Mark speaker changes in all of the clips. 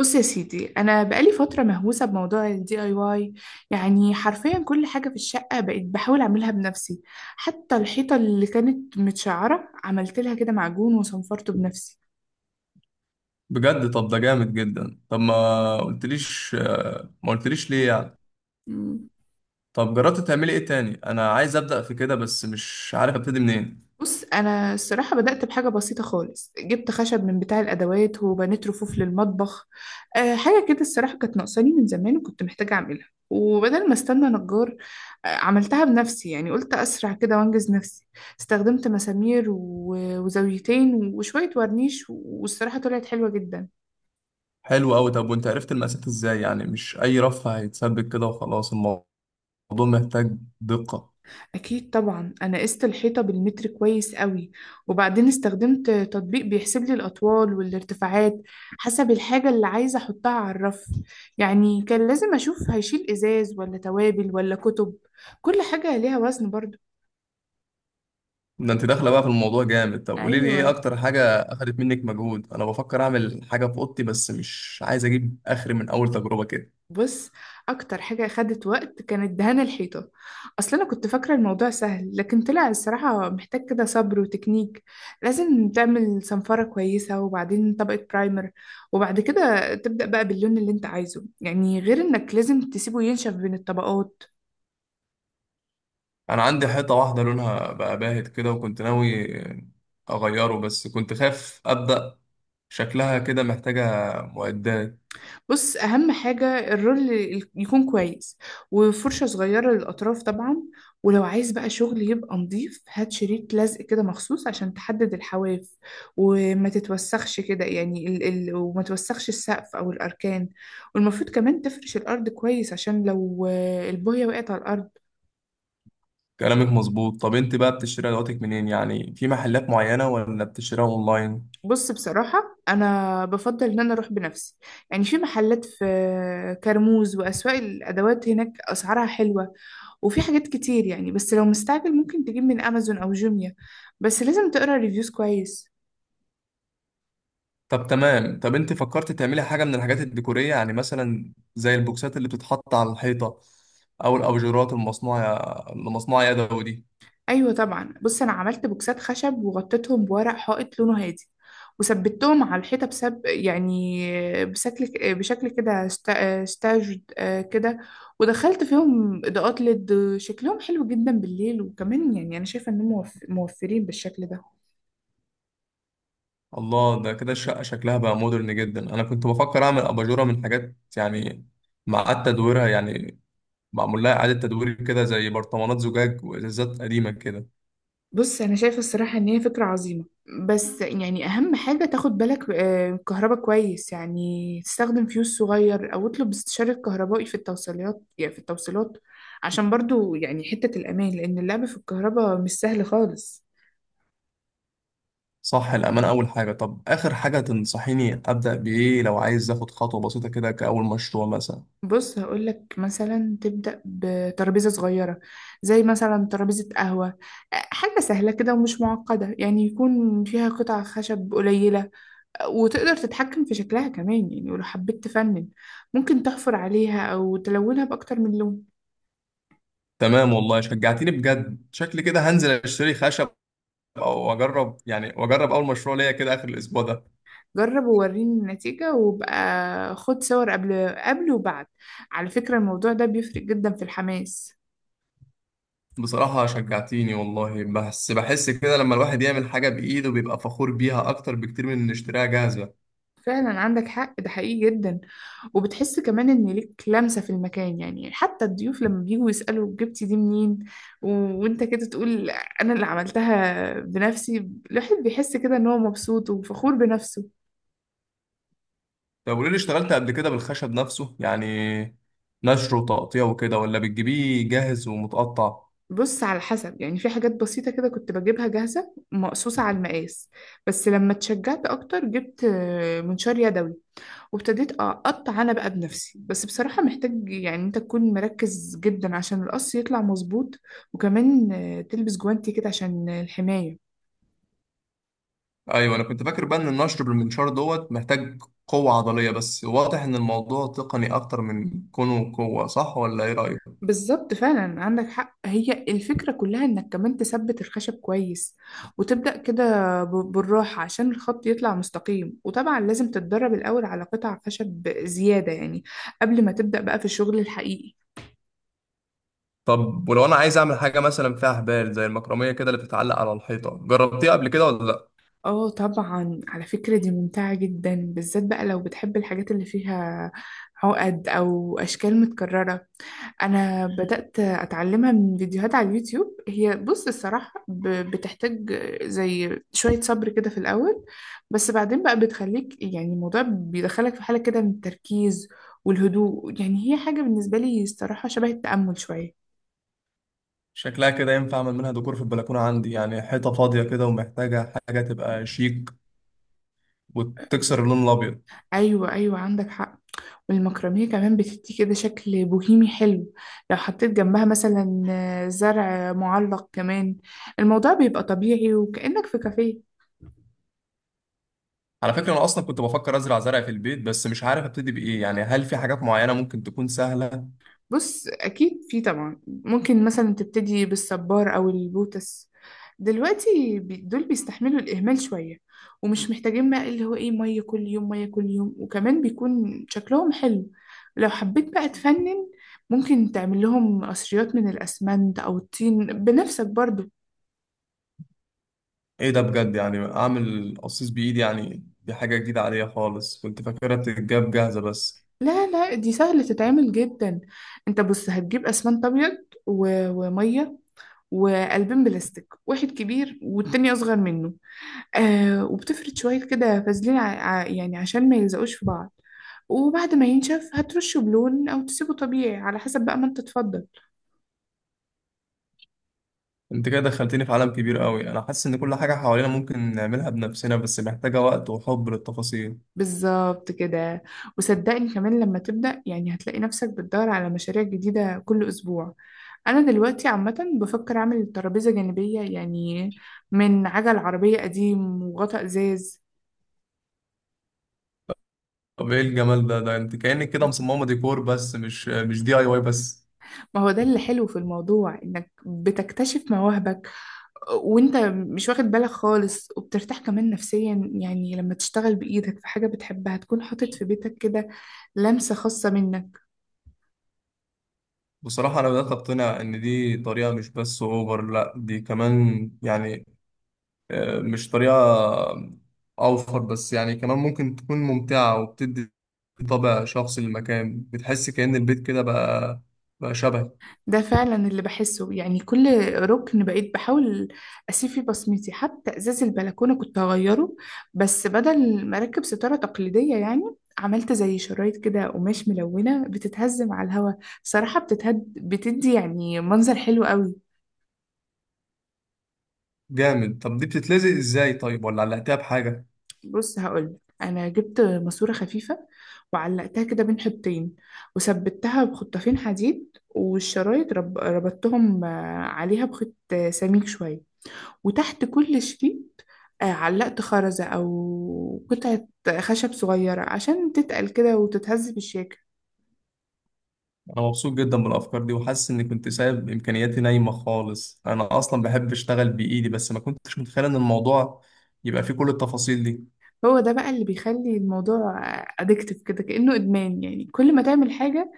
Speaker 1: بص يا سيدي، انا بقالي فتره مهووسه بموضوع الدي اي واي. يعني حرفيا كل حاجه في الشقه بقيت بحاول اعملها بنفسي. حتى الحيطه اللي كانت متشعره عملت لها كده معجون وصنفرته بنفسي.
Speaker 2: بجد. طب ده جامد جدا. طب ما قلتليش، ما قلتليش ليه يعني؟ طب جربت تعملي ايه تاني؟ انا عايز ابدا في كده بس مش عارف ابتدي منين.
Speaker 1: بص انا الصراحه بدات بحاجه بسيطه خالص، جبت خشب من بتاع الادوات وبنيت رفوف للمطبخ. أه، حاجه كده الصراحه كانت ناقصاني من زمان وكنت محتاجه اعملها، وبدل ما استنى نجار أه عملتها بنفسي. يعني قلت اسرع كده وانجز نفسي. استخدمت مسامير وزاويتين وشويه ورنيش، والصراحه طلعت حلوه جدا.
Speaker 2: حلو قوي. طب وانت عرفت المقاسات ازاي؟ يعني مش اي رف هيتثبت كده وخلاص، الموضوع محتاج دقة.
Speaker 1: أكيد طبعا، أنا قست الحيطة بالمتر كويس قوي، وبعدين استخدمت تطبيق بيحسب لي الأطوال والارتفاعات حسب الحاجة اللي عايزة أحطها على الرف. يعني كان لازم أشوف هيشيل إزاز ولا توابل ولا كتب، كل حاجة ليها وزن برضو.
Speaker 2: ده انت داخله بقى في الموضوع جامد. طب قولي لي ايه
Speaker 1: أيوة،
Speaker 2: اكتر حاجه اخدت منك مجهود؟ انا بفكر اعمل حاجه في اوضتي بس مش عايز اجيب اخري من اول تجربه كده.
Speaker 1: بص، اكتر حاجة خدت وقت كانت دهان الحيطة. اصل انا كنت فاكرة الموضوع سهل، لكن طلع الصراحة محتاج كده صبر وتكنيك. لازم تعمل صنفرة كويسة وبعدين طبقة برايمر، وبعد كده تبدأ بقى باللون اللي انت عايزه. يعني غير انك لازم تسيبه ينشف بين الطبقات.
Speaker 2: انا عندي حيطه واحده لونها بقى باهت كده وكنت ناوي اغيره بس كنت خايف ابدا. شكلها كده محتاجة معدات.
Speaker 1: بص، اهم حاجه الرول يكون كويس، وفرشه صغيره للاطراف طبعا. ولو عايز بقى شغل يبقى نظيف، هات شريط لزق كده مخصوص عشان تحدد الحواف وما تتوسخش كده. يعني ال ال وما توسخش السقف او الاركان. والمفروض كمان تفرش الارض كويس، عشان لو البويه وقعت على الارض.
Speaker 2: كلامك مظبوط. طب انت بقى بتشتري ادواتك منين؟ يعني في محلات معينة ولا بتشتريها اونلاين؟
Speaker 1: بص، بصراحه انا بفضل ان انا اروح بنفسي. يعني في محلات في كرموز واسواق الادوات، هناك اسعارها حلوه وفي حاجات كتير يعني. بس لو مستعجل ممكن تجيب من امازون او جوميا، بس لازم تقرا ريفيوز كويس.
Speaker 2: طب تمام. طب انت فكرت تعملي حاجة من الحاجات الديكورية يعني مثلا زي البوكسات اللي بتتحط على الحيطة، او الابجورات المصنوعة يدوي دي؟
Speaker 1: ايوه طبعا، بص، انا عملت بوكسات خشب وغطيتهم بورق حائط لونه هادي، وثبتهم على الحيطه بسب يعني بشكل بشكل كده ستاجد كده. ودخلت فيهم اضاءات ليد، شكلهم حلو جدا بالليل، وكمان يعني انا شايفه انهم موفرين بالشكل ده.
Speaker 2: الله، ده كده الشقة شكلها بقى مودرن جدا. انا كنت بفكر اعمل اباجورة من حاجات يعني معاد تدويرها، يعني معمول لها اعادة تدوير كده، زي برطمانات زجاج وازازات قديمة كده.
Speaker 1: بص انا شايفه الصراحه ان هي فكره عظيمه، بس يعني اهم حاجه تاخد بالك كهربا كويس. يعني تستخدم فيوز صغير او اطلب استشاره كهربائي في التوصيلات عشان برضو يعني حته الامان، لان اللعب في الكهرباء مش سهل خالص.
Speaker 2: صح، الأمانة أول حاجة. طب آخر حاجة تنصحيني أبدأ بإيه لو عايز آخد خطوة بسيطة كده كأول مشروع مثلا؟
Speaker 1: بص هقولك مثلا تبدا بترابيزه صغيره، زي مثلا ترابيزه قهوه، حاجه سهله كده ومش معقده. يعني يكون فيها قطع خشب قليله، وتقدر تتحكم في شكلها كمان. يعني ولو حبيت تفنن، ممكن تحفر عليها أو تلونها بأكتر من لون.
Speaker 2: تمام، والله شجعتيني بجد. شكلي كده هنزل أشتري خشب، أو أجرب يعني، وأجرب أول مشروع ليا كده آخر الأسبوع ده.
Speaker 1: جرب ووريني النتيجة، وبقى خد صور قبل وبعد. على فكرة، الموضوع ده بيفرق جدا في الحماس.
Speaker 2: بصراحة شجعتيني والله. بس بحس كده لما الواحد يعمل حاجة بإيده بيبقى فخور بيها أكتر بكتير من إن يشتريها جاهزة.
Speaker 1: فعلا عندك حق، ده حقيقي جدا. وبتحس كمان ان ليك لمسة في المكان. يعني حتى الضيوف لما بيجوا يسألوا جبتي دي منين، وانت كده تقول انا اللي عملتها بنفسي. الواحد بيحس كده ان هو مبسوط وفخور بنفسه.
Speaker 2: طب قولي لي، اشتغلت قبل كده بالخشب نفسه يعني نشره وتقطيع وكده، ولا بتجيبيه جاهز ومتقطع؟
Speaker 1: بص على حسب، يعني في حاجات بسيطة كده كنت بجيبها جاهزة مقصوصة على المقاس. بس لما اتشجعت أكتر جبت منشار يدوي، وابتديت أقطع أنا بقى بنفسي. بس بصراحة محتاج يعني أنت تكون مركز جدا عشان القص يطلع مظبوط. وكمان تلبس جوانتي كده عشان الحماية.
Speaker 2: ايوه، انا كنت فاكر بقى ان النشر بالمنشار دوت محتاج قوه عضليه، بس واضح ان الموضوع تقني اكتر من كونه قوه. صح ولا ايه رايك؟
Speaker 1: بالظبط، فعلا عندك حق. هي الفكرة كلها انك كمان تثبت الخشب كويس، وتبدأ كده بالراحة عشان الخط يطلع مستقيم. وطبعا لازم تتدرب الأول على قطع خشب زيادة يعني، قبل ما تبدأ بقى في الشغل الحقيقي.
Speaker 2: طب ولو انا عايز اعمل حاجه مثلا فيها حبال زي المكرميه كده اللي بتتعلق على الحيطه، جربتيها قبل كده ولا لا؟
Speaker 1: اه طبعا، على فكرة دي ممتعة جدا، بالذات بقى لو بتحب الحاجات اللي فيها عقد أو أشكال متكررة. انا بدأت اتعلمها من فيديوهات على اليوتيوب. هي بص الصراحة بتحتاج زي شوية صبر كده في الاول، بس بعدين بقى بتخليك يعني الموضوع بيدخلك في حالة كده من التركيز والهدوء. يعني هي حاجة بالنسبة لي الصراحة شبه التأمل شوية.
Speaker 2: شكلها كده ينفع اعمل منها ديكور في البلكونه، عندي يعني حيطه فاضيه كده ومحتاجه حاجه تبقى شيك وتكسر اللون الابيض.
Speaker 1: ايوه ايوه، عندك حق. والمكرمية كمان بتدي كده شكل بوهيمي حلو. لو حطيت جنبها مثلا زرع معلق كمان، الموضوع بيبقى طبيعي وكأنك في كافيه.
Speaker 2: على فكره انا اصلا كنت بفكر ازرع زرع في البيت بس مش عارف ابتدي بايه. يعني هل في حاجات معينه ممكن تكون سهله؟
Speaker 1: بص اكيد في طبعا، ممكن مثلا تبتدي بالصبار او البوتس. دلوقتي دول بيستحملوا الاهمال شويه، ومش محتاجين بقى اللي هو ايه ميه كل يوم ميه كل يوم، وكمان بيكون شكلهم حلو. لو حبيت بقى تفنن، ممكن تعمل لهم قصريات من الاسمنت او الطين بنفسك برضو.
Speaker 2: ايه ده بجد؟ يعني اعمل قصيص بايدي؟ يعني دي حاجه جديده عليا خالص، كنت فاكرها بتتجاب جاهزه بس.
Speaker 1: لا لا، دي سهله تتعمل جدا. انت بص هتجيب اسمنت ابيض وميه وقلبين بلاستيك، واحد كبير والتاني اصغر منه. آه، وبتفرد شوية كده فازلين يعني عشان ما يلزقوش في بعض. وبعد ما ينشف هترشه بلون أو تسيبه طبيعي على حسب بقى ما أنت تفضل.
Speaker 2: انت كده دخلتني في عالم كبير قوي. انا حاسس ان كل حاجه حوالينا ممكن نعملها بنفسنا بس محتاجه وقت وحب للتفاصيل.
Speaker 1: بالظبط كده. وصدقني كمان لما تبدأ يعني هتلاقي نفسك بتدور على مشاريع جديدة كل أسبوع. أنا دلوقتي عامة بفكر أعمل ترابيزة جانبية يعني من عجل عربية قديم وغطاء إزاز.
Speaker 2: طب ايه الجمال ده؟ ده انت كانك كده مصممه ديكور بس، مش دي اي واي بس.
Speaker 1: ما هو ده اللي حلو في الموضوع، إنك بتكتشف مواهبك وانت مش واخد بالك خالص، وبترتاح كمان نفسيا يعني لما تشتغل بإيدك في حاجة بتحبها تكون حاطط في بيتك كده لمسة خاصة منك.
Speaker 2: بصراحه انا بدات اقتنع ان دي طريقه مش بس اوفر، لا دي كمان يعني، مش طريقة أوفر بس يعني، كمان ممكن تكون ممتعة وبتدي طابع شخصي للمكان. بتحس كأن البيت كده بقى، شبه.
Speaker 1: ده فعلا اللي بحسه. يعني كل ركن بقيت بحاول أسيب فيه بصمتي. حتى إزاز البلكونة كنت هغيره، بس بدل ما أركب ستارة تقليدية يعني عملت زي شرايط كده قماش ملونة بتتهز مع الهوا. صراحة بتتهد بتدي يعني منظر حلو قوي.
Speaker 2: جامد. طب دي بتتلزق إزاي طيب، ولا علقتها بحاجة؟
Speaker 1: بص هقول، انا جبت ماسوره خفيفه وعلقتها كده بين حبتين وثبتها بخطافين حديد. والشرايط ربطتهم عليها بخيط سميك شويه. وتحت كل شريط علقت خرزه او قطعه خشب صغيره عشان تتقل كده وتتهز في الشاكل.
Speaker 2: أنا مبسوط جدا بالأفكار دي وحاسس إني كنت سايب إمكانياتي نايمة خالص. أنا أصلا بحب أشتغل بإيدي بس ما كنتش متخيل إن الموضوع يبقى فيه كل التفاصيل دي.
Speaker 1: هو ده بقى اللي بيخلي الموضوع ادكتف كده كأنه ادمان. يعني كل ما تعمل حاجه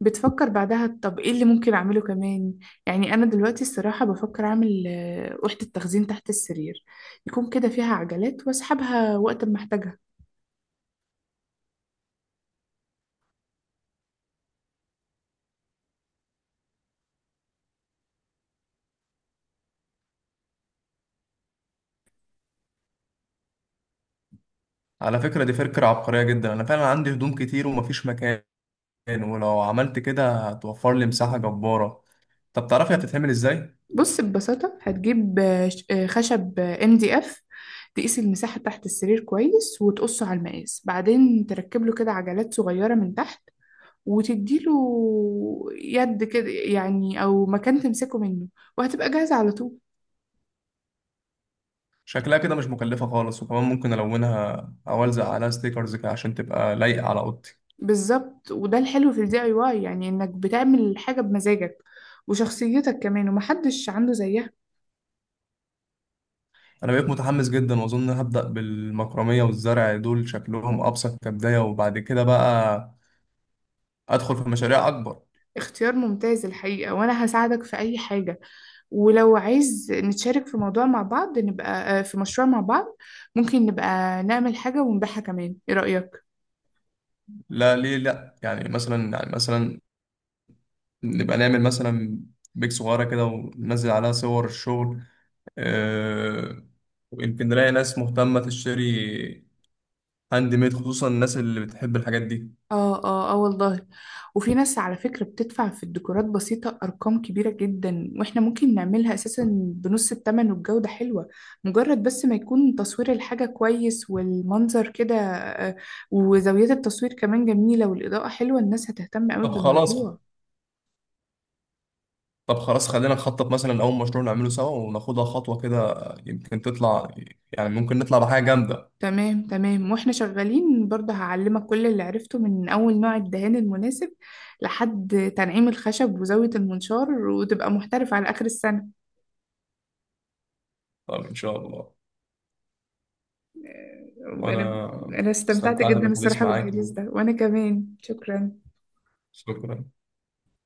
Speaker 1: بتفكر بعدها طب ايه اللي ممكن اعمله كمان. يعني انا دلوقتي الصراحة بفكر اعمل وحدة تخزين تحت السرير، يكون كده فيها عجلات واسحبها وقت ما احتاجها.
Speaker 2: على فكرة دي فكرة عبقرية جدا. أنا فعلا عندي هدوم كتير ومفيش مكان، ولو عملت كده هتوفر لي مساحة جبارة. طب تعرفي هتتعمل ازاي؟
Speaker 1: بص ببساطة هتجيب خشب ام دي اف. تقيس المساحة تحت السرير كويس وتقصه على المقاس، بعدين تركب له كده عجلات صغيرة من تحت، وتديله يد كده يعني او مكان تمسكه منه، وهتبقى جاهزة على طول.
Speaker 2: شكلها كده مش مكلفة خالص، وكمان ممكن ألونها أو ألزق عليها ستيكرز كده عشان تبقى لايقة على أوضتي.
Speaker 1: بالظبط، وده الحلو في الدي اي واي، يعني انك بتعمل حاجة بمزاجك وشخصيتك كمان، ومحدش عنده زيها.
Speaker 2: أنا بقيت متحمس جدا وأظن هبدأ بالمكرمية والزرع، دول شكلهم أبسط كبداية، وبعد كده بقى أدخل في مشاريع أكبر.
Speaker 1: اختيار ممتاز الحقيقة، وانا هساعدك في اي حاجة. ولو عايز نتشارك في موضوع مع بعض، نبقى في مشروع مع بعض. ممكن نبقى نعمل حاجة ونبيعها كمان، ايه رأيك؟
Speaker 2: لا ليه لأ؟ يعني مثلا، يعني مثلا نبقى نعمل بيك صغيرة كده وننزل عليها صور الشغل. أه، ويمكن نلاقي ناس مهتمة تشتري هاند ميد، خصوصا الناس اللي بتحب الحاجات دي.
Speaker 1: اه اه اه، والله. وفي ناس على فكرة بتدفع في الديكورات بسيطة أرقام كبيرة جدا، واحنا ممكن نعملها أساسا بنص التمن والجودة حلوة. مجرد بس ما يكون تصوير الحاجة كويس والمنظر كده وزاويات التصوير كمان جميلة والإضاءة حلوة، الناس هتهتم قوي
Speaker 2: طب خلاص،
Speaker 1: بالموضوع.
Speaker 2: طب خلاص خلينا نخطط مثلا أول مشروع نعمله سوا وناخدها خطوة كده. يمكن تطلع، يعني ممكن نطلع بحاجة جامدة.
Speaker 1: تمام تمام، واحنا شغالين برضه هعلمك كل اللي عرفته من أول نوع الدهان المناسب لحد تنعيم الخشب وزاوية المنشار، وتبقى محترف على آخر السنة.
Speaker 2: طب إن شاء الله.
Speaker 1: وانا
Speaker 2: وأنا
Speaker 1: انا استمتعت
Speaker 2: استمتعت
Speaker 1: جدا
Speaker 2: بالحديث
Speaker 1: الصراحة
Speaker 2: معاك.
Speaker 1: بالحديث ده، وانا كمان شكرا.
Speaker 2: شكرا.